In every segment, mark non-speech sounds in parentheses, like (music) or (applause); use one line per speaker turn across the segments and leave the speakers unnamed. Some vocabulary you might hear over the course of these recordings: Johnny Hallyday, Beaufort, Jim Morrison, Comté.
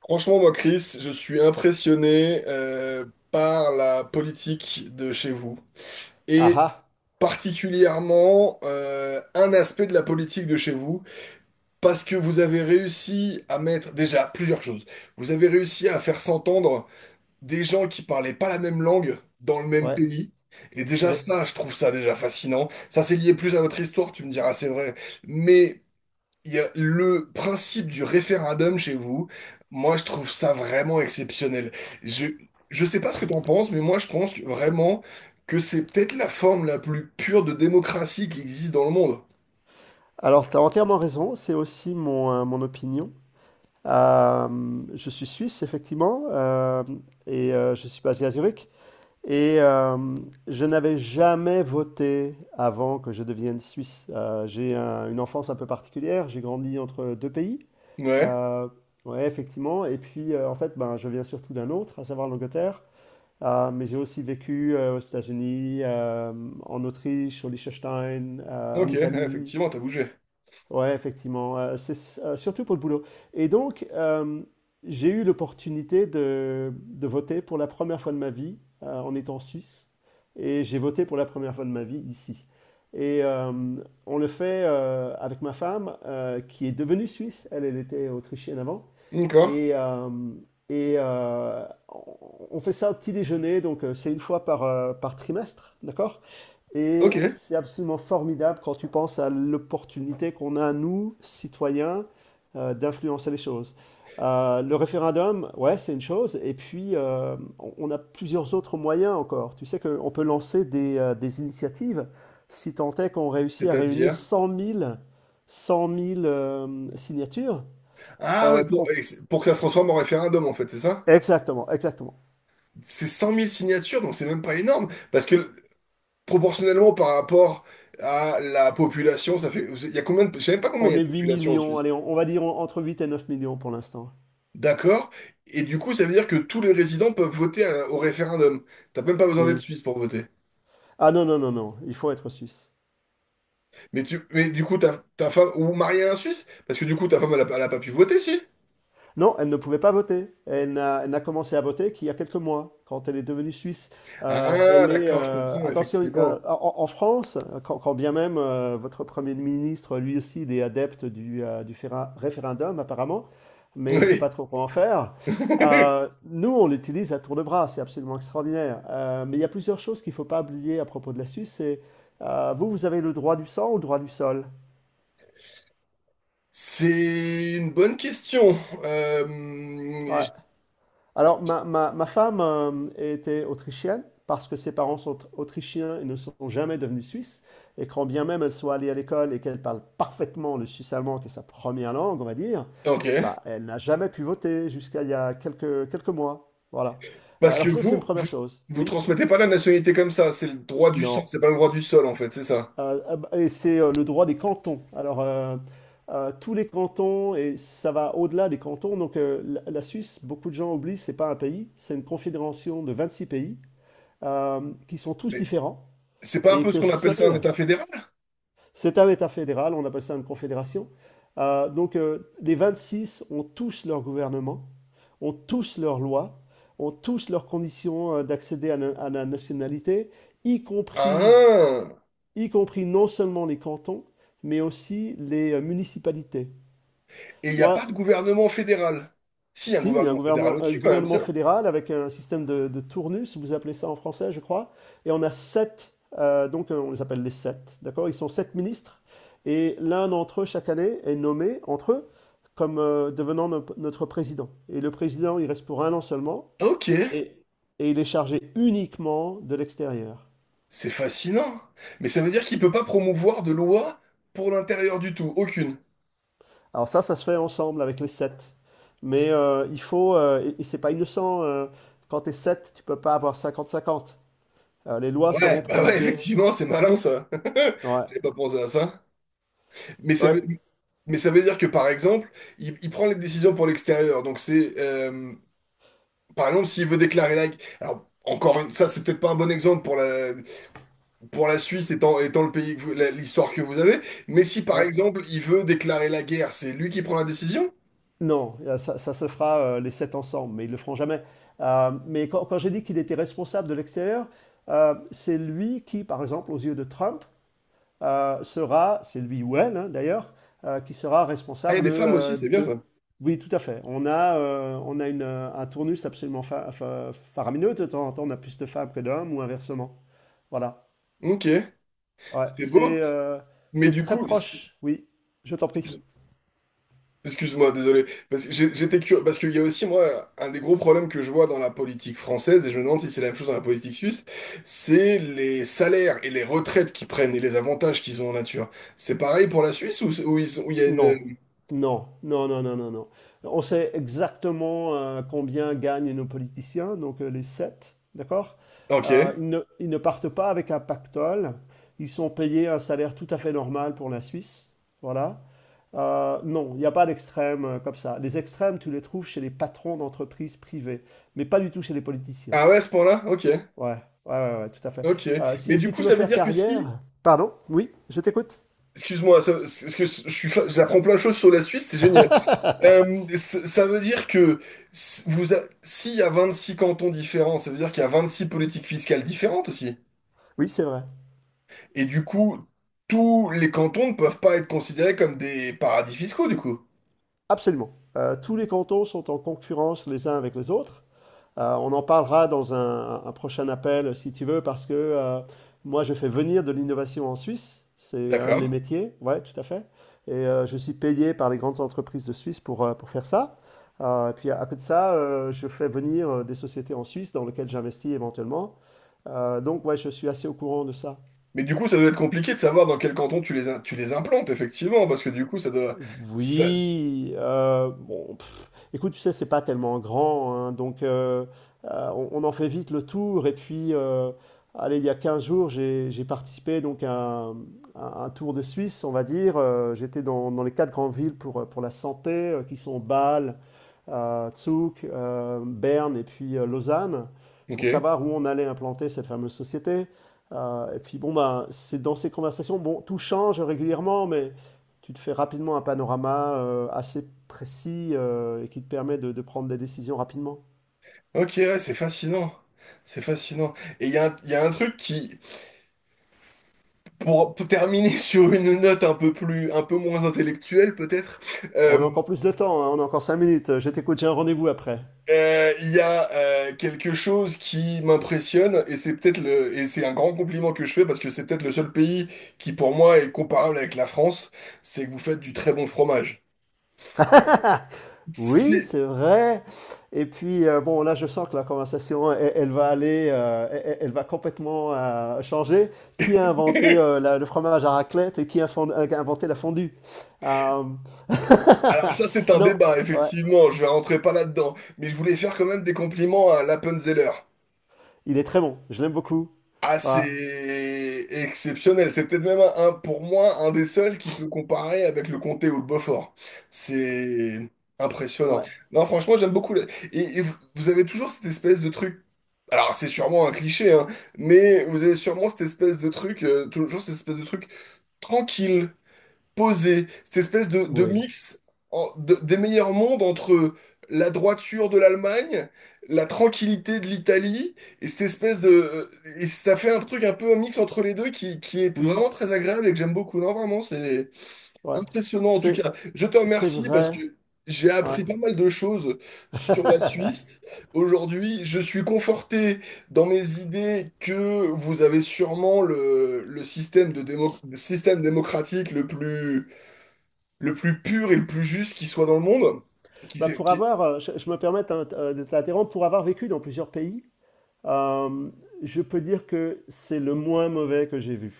Franchement, moi, Chris, je suis impressionné par la politique de chez vous
Ah
et
ah,
particulièrement un aspect de la politique de chez vous parce que vous avez réussi à mettre déjà plusieurs choses. Vous avez réussi à faire s'entendre des gens qui parlaient pas la même langue dans le même
ouais,
pays. Et déjà
ouais.
ça, je trouve ça déjà fascinant. Ça, c'est lié plus à votre histoire, tu me diras, c'est vrai. Mais il y a le principe du référendum chez vous. Moi, je trouve ça vraiment exceptionnel. Je, je sais pas ce que t'en penses, mais moi, je pense vraiment que c'est peut-être la forme la plus pure de démocratie qui existe dans le monde.
Alors, tu as entièrement raison, c'est aussi mon opinion. Je suis suisse, effectivement, et je suis basé à Zurich. Et je n'avais jamais voté avant que je devienne suisse. J'ai une enfance un peu particulière, j'ai grandi entre deux pays.
Ouais.
Euh, ouais, effectivement. Et puis, en fait, ben, je viens surtout d'un autre, à savoir l'Angleterre. Mais j'ai aussi vécu aux États-Unis, en Autriche, au Liechtenstein, en
Ok, ouais,
Italie.
effectivement, t'as bougé.
Ouais, effectivement, surtout pour le boulot. Et donc, j'ai eu l'opportunité de voter pour la première fois de ma vie en étant suisse. Et j'ai voté pour la première fois de ma vie ici. Et on le fait avec ma femme, qui est devenue suisse. Elle, elle était autrichienne avant.
D'accord.
Et, euh, et on fait ça au petit déjeuner, donc c'est une fois par trimestre, d'accord? Et
Ok.
c'est absolument formidable quand tu penses à l'opportunité qu'on a, nous, citoyens, d'influencer les choses. Le référendum, ouais, c'est une chose, et puis on a plusieurs autres moyens encore. Tu sais qu'on peut lancer des initiatives, si tant est qu'on réussit à réunir
C'est-à-dire.
cent mille signatures,
Ah ouais, pour,
qu'on
et pour que ça se transforme en référendum, en fait, c'est ça?
exactement, exactement.
C'est 100 000 signatures, donc c'est même pas énorme. Parce que proportionnellement par rapport à la population, ça fait. Il y a combien de. Je sais même pas combien il y
On
a de
est huit
population en
millions,
Suisse.
allez, on va dire entre 8 et 9 millions pour l'instant.
D'accord. Et du coup, ça veut dire que tous les résidents peuvent voter au référendum. T'as même pas besoin d'être
Oui.
suisse pour voter.
Ah non, non, non, non, il faut être suisse.
Mais du coup, ta femme, ou mariée à un Suisse? Parce que du coup, ta femme, elle a pas pu voter, si?
Non, elle ne pouvait pas voter. Elle n'a commencé à voter qu'il y a quelques mois, quand elle est devenue suisse. Euh,
Ah,
elle est,
d'accord, je comprends,
attention,
effectivement.
en France, quand bien même votre Premier ministre, lui aussi, il est adepte du référendum, apparemment, mais il ne sait
Oui.
pas trop comment faire. Euh,
(laughs)
nous, on l'utilise à tour de bras, c'est absolument extraordinaire. Mais il y a plusieurs choses.
C'est une bonne question. Euh, j-
Alors, ma femme était autrichienne parce que ses parents sont autrichiens et ne sont jamais devenus suisses. Et quand bien même elle soit allée à l'école et qu'elle parle parfaitement le suisse-allemand, qui est sa première langue, on va dire,
ok.
bah, elle n'a jamais pu voter jusqu'à il y a quelques mois. Voilà. Euh,
Parce que
Alors ça, c'est une première
vous,
chose.
vous
Oui,
transmettez pas la nationalité comme ça. C'est le droit du sang,
non.
c'est pas le droit du sol, en fait, c'est ça.
Ah bah, et c'est le droit des cantons. Alors, tous les cantons, et ça va au-delà des cantons, donc la Suisse, beaucoup de gens oublient, c'est pas un pays, c'est une confédération de 26 pays. euh, qui sont tous
Mais
différents
c'est pas un
et
peu ce
que
qu'on appelle ça un
seul,
État fédéral?
c'est un État fédéral, on appelle ça une confédération. Donc les 26 ont tous leur gouvernement, ont tous leurs lois, ont tous leurs conditions d'accéder à la nationalité, y compris,
Ah!
y compris non seulement les cantons, mais aussi les municipalités.
Et il n'y a
Moi,
pas de gouvernement fédéral. Si, il y a un
si, il y a
gouvernement fédéral
un
au-dessus quand même,
gouvernement
tiens.
fédéral avec un système de tournus, vous appelez ça en français, je crois. Et on a sept, donc on les appelle les sept, d'accord? Ils sont sept ministres et l'un d'entre eux, chaque année, est nommé entre eux comme devenant notre président. Et le président, il reste pour un an seulement,
Ok,
et, et il est chargé uniquement de l'extérieur.
c'est fascinant. Mais ça veut dire qu'il peut pas promouvoir de loi pour l'intérieur du tout, aucune.
Alors ça se fait ensemble avec les sept. Mais il faut, et c'est pas innocent, quand t'es sept, tu peux pas avoir cinquante cinquante. Les lois seront
Ouais, bah ouais,
promulguées.
effectivement, c'est malin ça. (laughs)
Ouais,
J'avais pas pensé à ça. Mais ça
ouais,
veut, mais ça veut dire que par exemple, il prend les décisions pour l'extérieur. Donc c'est, par exemple, s'il veut déclarer la. Alors encore une, ça c'est peut-être pas un bon exemple pour pour la Suisse étant le pays, que l'histoire que vous avez. Mais si par
ouais.
exemple il veut déclarer la guerre, c'est lui qui prend la décision?
Non, ça, ça se fera les sept ensemble, mais ils le feront jamais. Mais quand j'ai dit qu'il était responsable de l'extérieur, c'est lui qui, par exemple, aux yeux de Trump, sera, c'est lui ou elle hein, d'ailleurs, qui sera
Ah, il y a
responsable
des femmes aussi, c'est bien
de.
ça.
Oui, tout à fait. Un tournus absolument faramineux. De temps en temps, on a plus de femmes que d'hommes ou inversement. Voilà.
Ok,
Ouais,
c'est beau.
c'est euh,
Mais
c'est
du
très
coup,
proche. Oui, je t'en prie.
excuse-moi, désolé. Parce que j'étais curieux. Parce qu'il y a aussi, moi, un des gros problèmes que je vois dans la politique française, et je me demande si c'est la même chose dans la politique suisse, c'est les salaires et les retraites qu'ils prennent et les avantages qu'ils ont en nature. C'est pareil pour la Suisse ou, ou ils ou il y a
Non,
une.
non, non, non, non, non, non. On sait exactement combien gagnent nos politiciens, donc les sept, d'accord? Euh,
Ok.
ils ne partent pas avec un pactole, ils sont payés un salaire tout à fait normal pour la Suisse, voilà. Non, il n'y a pas d'extrême comme ça. Les extrêmes, tu les trouves chez les patrons d'entreprises privées, mais pas du tout chez les politiciens.
Ah ouais, à ce point-là? Ok.
Ouais, ouais, ouais, ouais, tout à fait.
Ok.
Euh,
Mais
si,
du
si
coup,
tu veux
ça veut
faire
dire que si.
carrière... Pardon? Oui, je t'écoute.
Excuse-moi, parce que je suis, j'apprends plein de choses sur la Suisse, c'est génial. Ça veut dire que s'il y a 26 cantons différents, ça veut dire qu'il y a 26 politiques fiscales différentes aussi.
Oui, c'est vrai.
Et du coup, tous les cantons ne peuvent pas être considérés comme des paradis fiscaux, du coup.
Absolument. Tous les cantons sont en concurrence les uns avec les autres. On en parlera dans un prochain appel, si tu veux, parce que moi, je fais venir de l'innovation en Suisse. C'est un de mes
D'accord.
métiers. Ouais, tout à fait. Et je suis payé par les grandes entreprises de Suisse pour faire ça. Et puis à côté de ça, je fais venir des sociétés en Suisse dans lesquelles j'investis éventuellement. Donc ouais, je suis assez au courant de ça.
Mais du coup, ça doit être compliqué de savoir dans quel canton tu les, tu les implantes, effectivement, parce que du coup, ça doit... ça-
Oui, bon, pff, écoute, tu sais, c'est pas tellement grand, hein, donc on en fait vite le tour. Et puis, allez, il y a 15 jours, j'ai participé donc à un tour de Suisse, on va dire. J'étais dans les quatre grandes villes pour la santé, qui sont Bâle, à Zug, Berne et puis Lausanne pour
ok.
savoir où on allait implanter cette fameuse société. Et puis bon, ben, c'est dans ces conversations, bon, tout change régulièrement, mais tu te fais rapidement un panorama assez précis et qui te permet de prendre des décisions rapidement.
Ok, ouais, c'est fascinant. C'est fascinant. Et il y a un, il y a un truc qui, pour terminer (laughs) sur une note un peu plus, un peu moins intellectuelle peut-être, euh,
On a encore plus de temps, hein, on a encore 5 minutes. Je t'écoute, j'ai un rendez-vous après.
Il y a quelque chose qui m'impressionne et c'est peut-être le et c'est un grand compliment que je fais parce que c'est peut-être le seul pays qui pour moi est comparable avec la France, c'est que vous faites du très bon fromage.
Oui,
C'est-
c'est vrai. Et puis, bon, là, je sens que la conversation, elle, elle va aller, elle, elle va complètement changer. Qui a inventé le fromage à raclette et qui a inventé la fondue? Euh, (laughs)
Alors ça c'est un
Non,
débat
ouais,
effectivement, je vais rentrer pas là-dedans, mais je voulais faire quand même des compliments à l'Appenzeller.
il est très bon. Je l'aime beaucoup.
Ah,
Ouais,
c'est exceptionnel. C'est peut-être même un, pour moi un des seuls qui peut comparer avec le comté ou le Beaufort. C'est impressionnant.
ouais,
Non, franchement, j'aime beaucoup. Le- et vous avez toujours cette espèce de truc. Alors, c'est sûrement un cliché, hein, mais vous avez sûrement cette espèce de truc, toujours cette espèce de truc tranquille posé, cette espèce de
oui,
mix des meilleurs mondes entre la droiture de l'Allemagne, la tranquillité de l'Italie, et cette espèce de... Et ça fait un truc un peu un mix entre les deux qui est
oui,
vraiment très agréable et que j'aime beaucoup. Non, vraiment, c'est
ouais.
impressionnant en tout
C'est,
cas. Je te
c'est
remercie parce
vrai.
que j'ai
Ouais.
appris pas mal de choses sur la Suisse. Aujourd'hui, je suis conforté dans mes idées que vous avez sûrement le système de système démocratique le plus pur et le plus juste qui soit dans le monde. Qui,
Bah, pour avoir, je me permets de t'interrompre, pour avoir vécu dans plusieurs pays, Euh, je peux dire que c'est le moins mauvais que j'ai vu.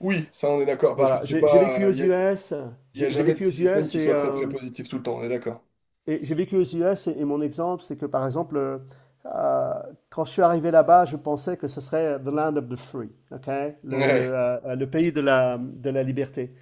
oui, ça on est d'accord, parce que
Voilà,
c'est
j'ai vécu
pas.
aux
Il y a,
US,
y a
j'ai
jamais de
vécu aux
système
US
qui soit très très positif tout le temps, on est d'accord.
et j'ai vécu aux US et mon exemple, c'est que par exemple, euh, quand je suis arrivé là-bas, je pensais que ce serait the land of the free, ok, le, le,
Ouais,
euh, le pays de la liberté.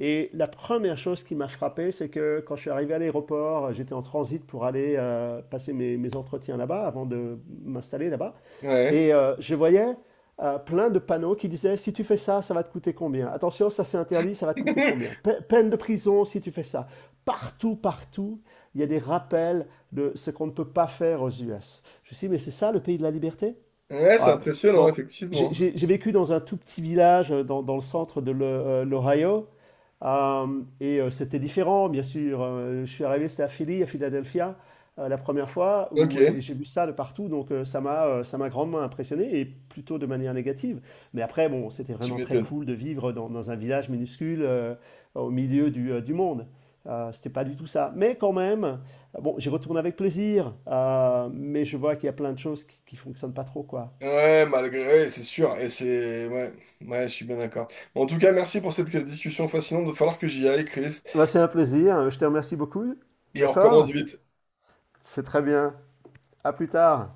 Et la première chose qui m'a frappé, c'est que quand je suis arrivé à l'aéroport, j'étais en transit pour aller passer mes entretiens là-bas avant de m'installer là-bas.
ouais.
Et je voyais plein de panneaux qui disaient si tu fais ça, ça va te coûter combien. Attention, ça c'est interdit, ça va te coûter combien.
(laughs)
Peine de prison si tu fais ça. Partout, partout, il y a des rappels de ce qu'on ne peut pas faire aux US. Je me suis dit, mais c'est ça le pays de la liberté.
Ouais, c'est
Voilà.
impressionnant,
Bon, j'ai
effectivement.
j'ai- j'ai vécu dans un tout petit village dans le centre de l'Ohio. Euh, et c'était différent, bien sûr. Je suis arrivé, c'était à Philly, à Philadelphia, la première fois, où et
Ok,
j'ai vu ça de partout. Donc ça m'a grandement impressionné, et plutôt de manière négative. Mais après, bon, c'était
tu
vraiment très
m'étonnes.
cool de vivre dans un village minuscule au milieu du monde. C'était pas du tout ça. Mais quand même, bon, j'y retourne avec plaisir, mais je vois qu'il y a plein de choses qui fonctionnent pas trop, quoi.
Ouais, malgré, ouais, c'est sûr, et c'est... Ouais, ouais, je suis bien d'accord. En tout cas, merci pour cette discussion fascinante, il va falloir que j'y aille, Chris,
Bah, c'est un plaisir. Je te remercie beaucoup.
et on recommence
D'accord.
vite.
C'est très bien. À plus tard.